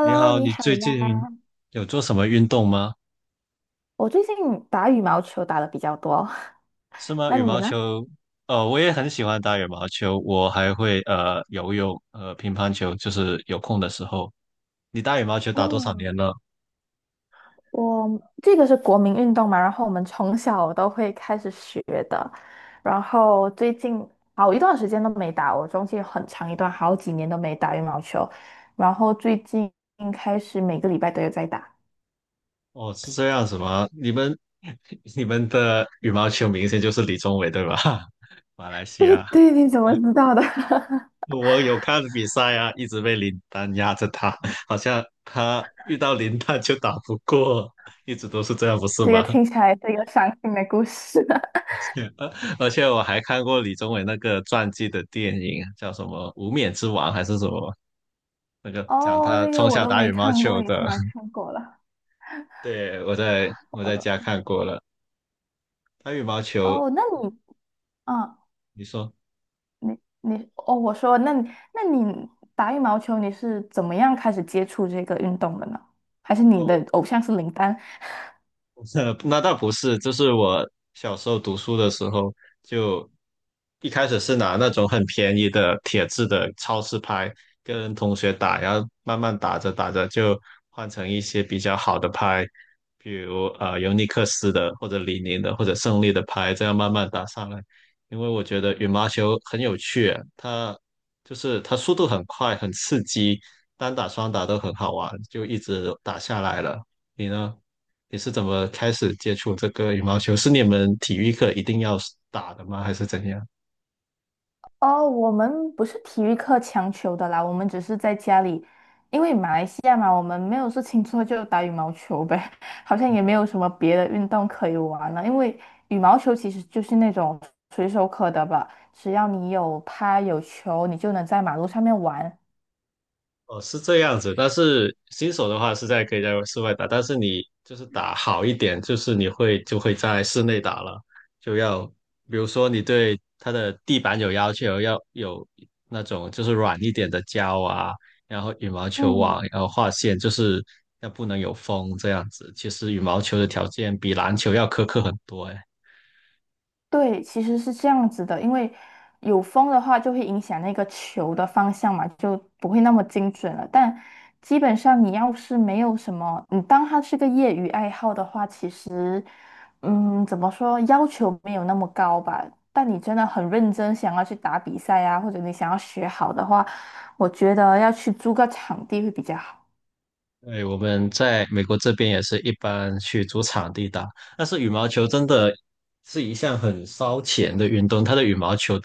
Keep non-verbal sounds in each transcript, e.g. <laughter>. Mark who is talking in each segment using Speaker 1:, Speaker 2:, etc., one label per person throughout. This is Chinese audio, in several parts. Speaker 1: 你 好，
Speaker 2: 你
Speaker 1: 你
Speaker 2: 好
Speaker 1: 最近
Speaker 2: 呀。
Speaker 1: 有做什么运动吗？
Speaker 2: 我最近打羽毛球打的比较多，
Speaker 1: 是
Speaker 2: <laughs>
Speaker 1: 吗？
Speaker 2: 那
Speaker 1: 羽
Speaker 2: 你
Speaker 1: 毛
Speaker 2: 呢？
Speaker 1: 球，我也很喜欢打羽毛球，我还会游泳，乒乓球，就是有空的时候。你打羽毛球打多少
Speaker 2: 哦，
Speaker 1: 年了？
Speaker 2: 我这个是国民运动嘛，然后我们从小都会开始学的，然后最近好一段时间都没打，我中间很长一段好几年都没打羽毛球，然后最近开始每个礼拜都有在打。
Speaker 1: 哦，是这样子吗？你们 <laughs> 你们的羽毛球明星就是李宗伟对吧？<laughs> 马来
Speaker 2: <laughs>
Speaker 1: 西
Speaker 2: 对
Speaker 1: 亚，
Speaker 2: 对，你怎么知道的？
Speaker 1: 我有看比赛啊，一直被林丹压着打，好像他遇到林丹就打不过，一直都是这样，不
Speaker 2: <laughs>
Speaker 1: 是
Speaker 2: 这个
Speaker 1: 吗？
Speaker 2: 听起来是一个伤心的故事。<laughs>
Speaker 1: <laughs> 而且我还看过李宗伟那个传记的电影，叫什么《无冕之王》还是什么？那个讲
Speaker 2: 哦，
Speaker 1: 他
Speaker 2: 那个
Speaker 1: 从
Speaker 2: 我
Speaker 1: 小
Speaker 2: 都
Speaker 1: 打
Speaker 2: 没
Speaker 1: 羽毛
Speaker 2: 看过，
Speaker 1: 球
Speaker 2: 你竟
Speaker 1: 的。
Speaker 2: 然
Speaker 1: <laughs>
Speaker 2: 看过了。
Speaker 1: 对，我在我
Speaker 2: 我
Speaker 1: 在
Speaker 2: 的
Speaker 1: 家看过了，打羽毛球，
Speaker 2: 哦，那你嗯，
Speaker 1: 你说？
Speaker 2: 你你哦，我说，那你打羽毛球你是怎么样开始接触这个运动的呢？还是你的
Speaker 1: 哦。
Speaker 2: 偶像是林丹？
Speaker 1: <laughs> 那倒不是，就是我小时候读书的时候，就一开始是拿那种很便宜的铁质的超市拍跟同学打，然后慢慢打着打着就换成一些比较好的拍，比如尤尼克斯的或者李宁的或者胜利的拍，这样慢慢打上来。因为我觉得羽毛球很有趣，它就是它速度很快，很刺激，单打双打都很好玩，就一直打下来了。你呢？你是怎么开始接触这个羽毛球？是你们体育课一定要打的吗？还是怎样？
Speaker 2: 哦，我们不是体育课强求的啦，我们只是在家里，因为马来西亚嘛，我们没有事情做就打羽毛球呗，<laughs> 好像也没有什么别的运动可以玩了。因为羽毛球其实就是那种随手可得吧，只要你有拍有球，你就能在马路上面玩。
Speaker 1: 哦，是这样子，但是新手的话是在可以在室外打，但是你就是打好一点，就是你就会在室内打了，就要比如说你对它的地板有要求，要有那种就是软一点的胶啊，然后羽毛球网，
Speaker 2: 嗯。
Speaker 1: 然后画线，就是要不能有风这样子。其实羽毛球的条件比篮球要苛刻很多，诶。
Speaker 2: 对，其实是这样子的，因为有风的话就会影响那个球的方向嘛，就不会那么精准了。但基本上你要是没有什么，你当它是个业余爱好的话，其实，嗯，怎么说，要求没有那么高吧。但你真的很认真想要去打比赛啊，或者你想要学好的话，我觉得要去租个场地会比较好。
Speaker 1: 对，我们在美国这边也是一般去租场地打，但是羽毛球真的是一项很烧钱的运动，它的羽毛球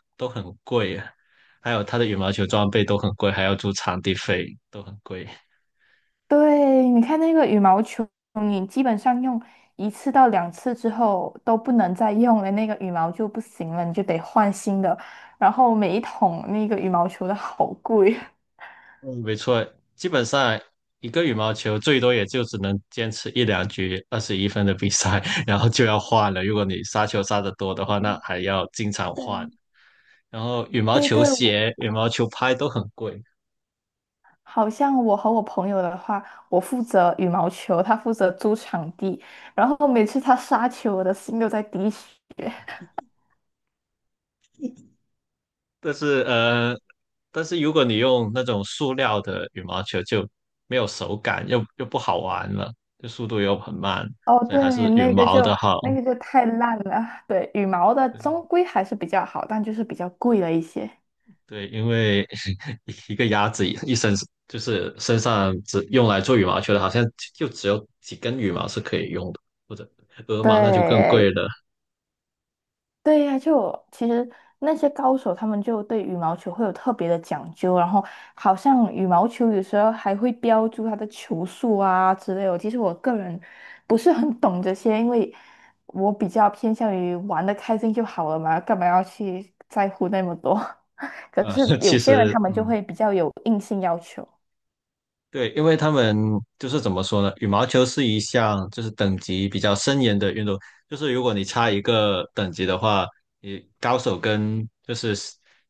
Speaker 1: 还有它的羽毛球装备都很贵，还要租场地费都很贵。
Speaker 2: 对，你看那个羽毛球，你基本上用一次到两次之后都不能再用了，那个羽毛就不行了，你就得换新的。然后每一桶那个羽毛球的好贵。<laughs>
Speaker 1: 嗯，没错，基本上一个羽毛球最多也就只能坚持一两局二十一分的比赛，<laughs> 然后就要换了。如果你杀球杀得多的话，那还要经常
Speaker 2: 对，
Speaker 1: 换。然后羽毛
Speaker 2: 对
Speaker 1: 球
Speaker 2: 对，我
Speaker 1: 鞋、羽毛球拍都很贵，
Speaker 2: 好像我和我朋友的话，我负责羽毛球，他负责租场地，然后每次他杀球，我的心都在滴血。
Speaker 1: 但是但是如果你用那种塑料的羽毛球，就没有手感，又不好玩了，就速度又很慢，
Speaker 2: 哦，
Speaker 1: 所以
Speaker 2: 对，
Speaker 1: 还是羽
Speaker 2: 那个
Speaker 1: 毛
Speaker 2: 就
Speaker 1: 的好。
Speaker 2: 那个就太烂了。对，羽毛的终归还是比较好，但就是比较贵了一些。
Speaker 1: 对，因为 <laughs> 一个鸭子一身就是身上只用来做羽毛球的，好像就只有几根羽毛是可以用的，或者鹅毛那就更贵
Speaker 2: 对
Speaker 1: 了。
Speaker 2: 对呀、就我其实那些高手他们就对羽毛球会有特别的讲究，然后好像羽毛球有时候还会标注它的球速啊之类的。其实我个人不是很懂这些，因为我比较偏向于玩的开心就好了嘛，干嘛要去在乎那么多？<laughs> 可
Speaker 1: 啊、
Speaker 2: 是
Speaker 1: <laughs>
Speaker 2: 有
Speaker 1: 其
Speaker 2: 些人
Speaker 1: 实
Speaker 2: 他们就
Speaker 1: 嗯。
Speaker 2: 会比较有硬性要求。
Speaker 1: 对，因为他们就是怎么说呢？羽毛球是一项就是等级比较森严的运动，就是如果你差一个等级的话，你高手跟就是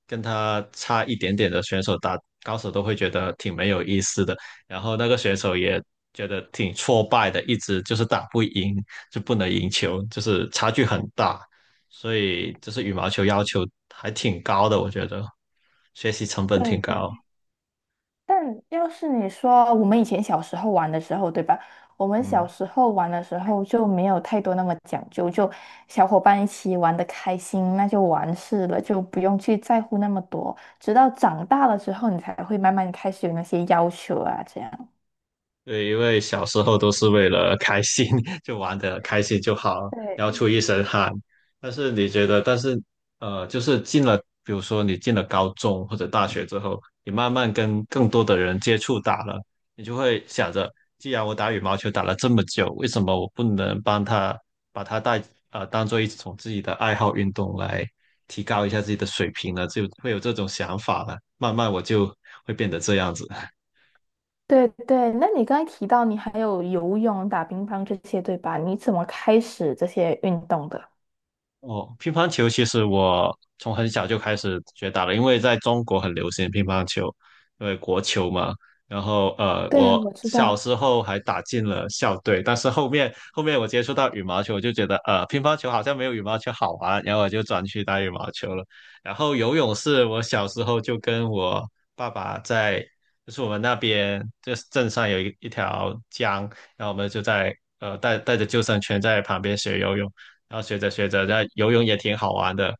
Speaker 1: 跟他差一点点的选手打，高手都会觉得挺没有意思的，然后那个选手也觉得挺挫败的，一直就是打不赢，就不能赢球，就是差距很大，所以就是羽毛球要求还挺高的，我觉得学习成本
Speaker 2: 对
Speaker 1: 挺高，
Speaker 2: 对但要是你说我们以前小时候玩的时候，对吧？我们
Speaker 1: 嗯。
Speaker 2: 小时候玩的时候就没有太多那么讲究，就小伙伴一起玩的开心，那就完事了，就不用去在乎那么多。直到长大了之后，你才会慢慢开始有那些要求啊，这样。
Speaker 1: 对，因为小时候都是为了开心，<laughs> 就玩的开心就好，然后
Speaker 2: 对，
Speaker 1: 出一身汗。但是你觉得，但是就是进了，比如说你进了高中或者大学之后，你慢慢跟更多的人接触打了，你就会想着，既然我打羽毛球打了这么久，为什么我不能帮他把他带当做一种自己的爱好运动来提高一下自己的水平呢？就会有这种想法了。慢慢我就会变得这样子。
Speaker 2: 对对，那你刚才提到你还有游泳、打乒乓这些，对吧？你怎么开始这些运动的？
Speaker 1: 哦，乒乓球其实我从很小就开始学打了，因为在中国很流行乒乓球，因为国球嘛。然后
Speaker 2: 对，
Speaker 1: 我
Speaker 2: 我知
Speaker 1: 小
Speaker 2: 道。
Speaker 1: 时候还打进了校队，但是后面我接触到羽毛球，我就觉得乒乓球好像没有羽毛球好玩，然后我就转去打羽毛球了。然后游泳是我小时候就跟我爸爸在，就是我们那边就是镇上有一条江，然后我们就在带着救生圈在旁边学游泳。然后学着学着，那游泳也挺好玩的，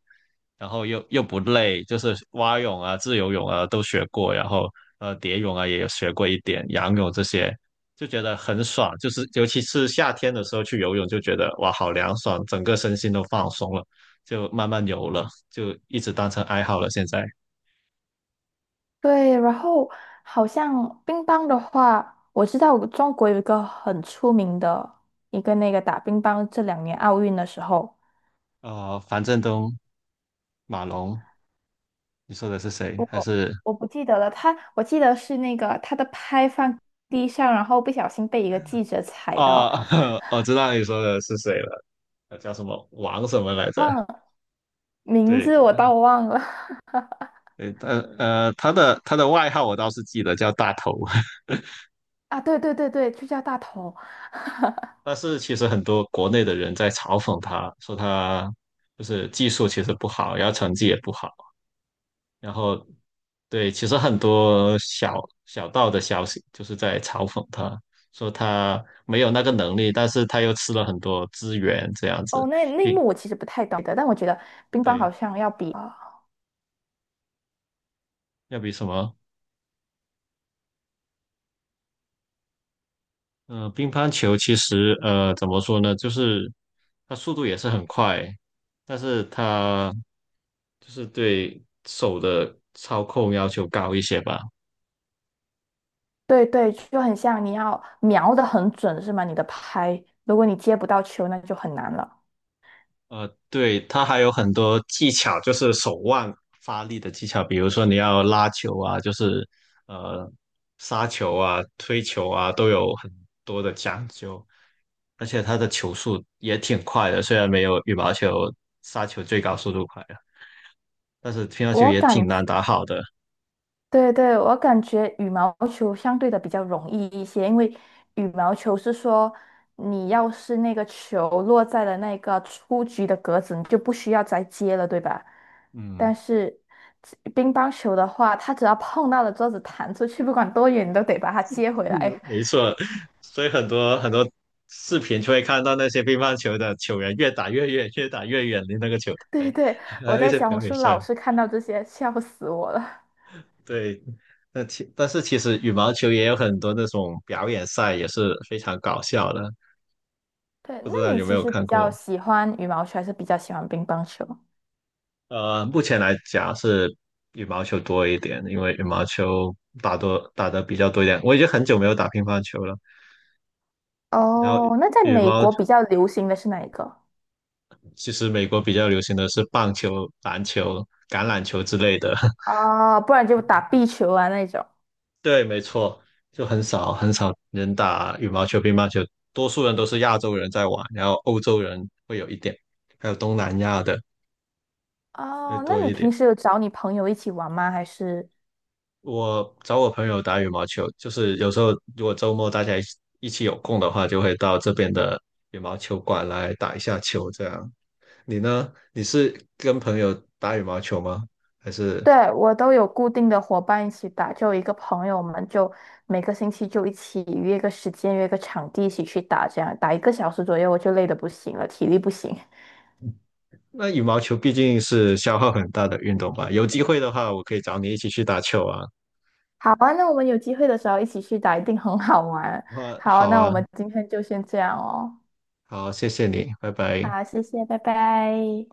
Speaker 1: 然后又不累，就是蛙泳啊、自由泳啊都学过，然后蝶泳啊也有学过一点，仰泳这些就觉得很爽，就是尤其是夏天的时候去游泳，就觉得哇好凉爽，整个身心都放松了，就慢慢游了，就一直当成爱好了。现在
Speaker 2: 对，然后好像乒乓的话，我知道中国有一个很出名的一个那个打乒乓，这两年奥运的时候，
Speaker 1: 樊振东、马龙，你说的是谁？还
Speaker 2: 我
Speaker 1: 是
Speaker 2: 我不记得了，他我记得是那个他的拍放地上，然后不小心被一个记者踩到，
Speaker 1: 哦，<laughs> 我知道你说的是谁了，他叫什么王什么来着？
Speaker 2: 忘了名
Speaker 1: 对，
Speaker 2: 字我倒忘了。 <laughs>
Speaker 1: 对，他的外号我倒是记得叫大头，<laughs>
Speaker 2: 啊，对对对对，就叫大头。
Speaker 1: 但是其实很多国内的人在嘲讽他，说他就是技术其实不好，然后成绩也不好，然后对，其实很多小道的消息就是在嘲讽他，说他没有那个能力，但是他又吃了很多资源，这样子，
Speaker 2: 哦，那那一
Speaker 1: 并
Speaker 2: 幕我其实不太懂的，但我觉得乒乓好
Speaker 1: 对，
Speaker 2: 像要比
Speaker 1: 要比什么嗯，乒乓球其实怎么说呢，就是它速度也是很快，但是它就是对手的操控要求高一些吧。
Speaker 2: 对对，就很像你要瞄得很准，是吗？你的拍，如果你接不到球，那就很难了。
Speaker 1: 呃，对，它还有很多技巧，就是手腕发力的技巧，比如说你要拉球啊，就是呃杀球啊、推球啊，都有很多的讲究。而且它的球速也挺快的，虽然没有羽毛球杀球最高速度快啊。但是乒乓球
Speaker 2: 我
Speaker 1: 也挺
Speaker 2: 感觉，
Speaker 1: 难打好的。
Speaker 2: 对对，我感觉羽毛球相对的比较容易一些，因为羽毛球是说，你要是那个球落在了那个出局的格子，你就不需要再接了，对吧？
Speaker 1: 嗯，
Speaker 2: 但是乒乓球的话，它只要碰到了桌子弹出去，不管多远，你都得把它接回来。
Speaker 1: 没错，所以很多视频就会看到那些乒乓球的球员越打越远，越打越远离那个球
Speaker 2: <laughs>
Speaker 1: 台，
Speaker 2: 对对，
Speaker 1: <laughs> 还
Speaker 2: 我
Speaker 1: 有一
Speaker 2: 在
Speaker 1: 些
Speaker 2: 小
Speaker 1: 表
Speaker 2: 红
Speaker 1: 演
Speaker 2: 书
Speaker 1: 赛。
Speaker 2: 老是看到这些，笑死我了。
Speaker 1: 对，那其但是其实羽毛球也有很多那种表演赛，也是非常搞笑的，
Speaker 2: 对，
Speaker 1: 不知道
Speaker 2: 那你
Speaker 1: 有没
Speaker 2: 其
Speaker 1: 有
Speaker 2: 实
Speaker 1: 看
Speaker 2: 比较
Speaker 1: 过？
Speaker 2: 喜欢羽毛球，还是比较喜欢乒乓球？
Speaker 1: 呃，目前来讲是羽毛球多一点，因为羽毛球打的比较多一点。我已经很久没有打乒乓球了，然后
Speaker 2: 哦，那在
Speaker 1: 羽
Speaker 2: 美
Speaker 1: 毛
Speaker 2: 国比较流行的是哪一个？
Speaker 1: 其实美国比较流行的是棒球、篮球、橄榄球之类的。<laughs>
Speaker 2: 哦，不然就打壁球啊那种。
Speaker 1: 对，没错，就很少人打羽毛球、乒乓球，多数人都是亚洲人在玩，然后欧洲人会有一点，还有东南亚的会
Speaker 2: 哦，那
Speaker 1: 多
Speaker 2: 你
Speaker 1: 一
Speaker 2: 平
Speaker 1: 点。
Speaker 2: 时有找你朋友一起玩吗？还是？
Speaker 1: 我找我朋友打羽毛球，就是有时候如果周末大家一起有空的话，就会到这边的羽毛球馆来打一下球，这样。你呢？你是跟朋友打羽毛球吗？还是？
Speaker 2: 对，我都有固定的伙伴一起打，就有一个朋友，我们就每个星期就一起约个时间，约个场地一起去打，这样打一个小时左右，我就累得不行了，体力不行。
Speaker 1: 那羽毛球毕竟是消耗很大的运动吧，有机会的话，我可以找你一起去打球啊。
Speaker 2: <laughs> 好啊，那我们有机会的时候一起去打，一定很好玩。
Speaker 1: 哇，
Speaker 2: 好啊，
Speaker 1: 好
Speaker 2: 那我
Speaker 1: 啊，
Speaker 2: 们今天就先这样哦。
Speaker 1: 好，谢谢你，拜拜。
Speaker 2: 好，谢谢，拜拜。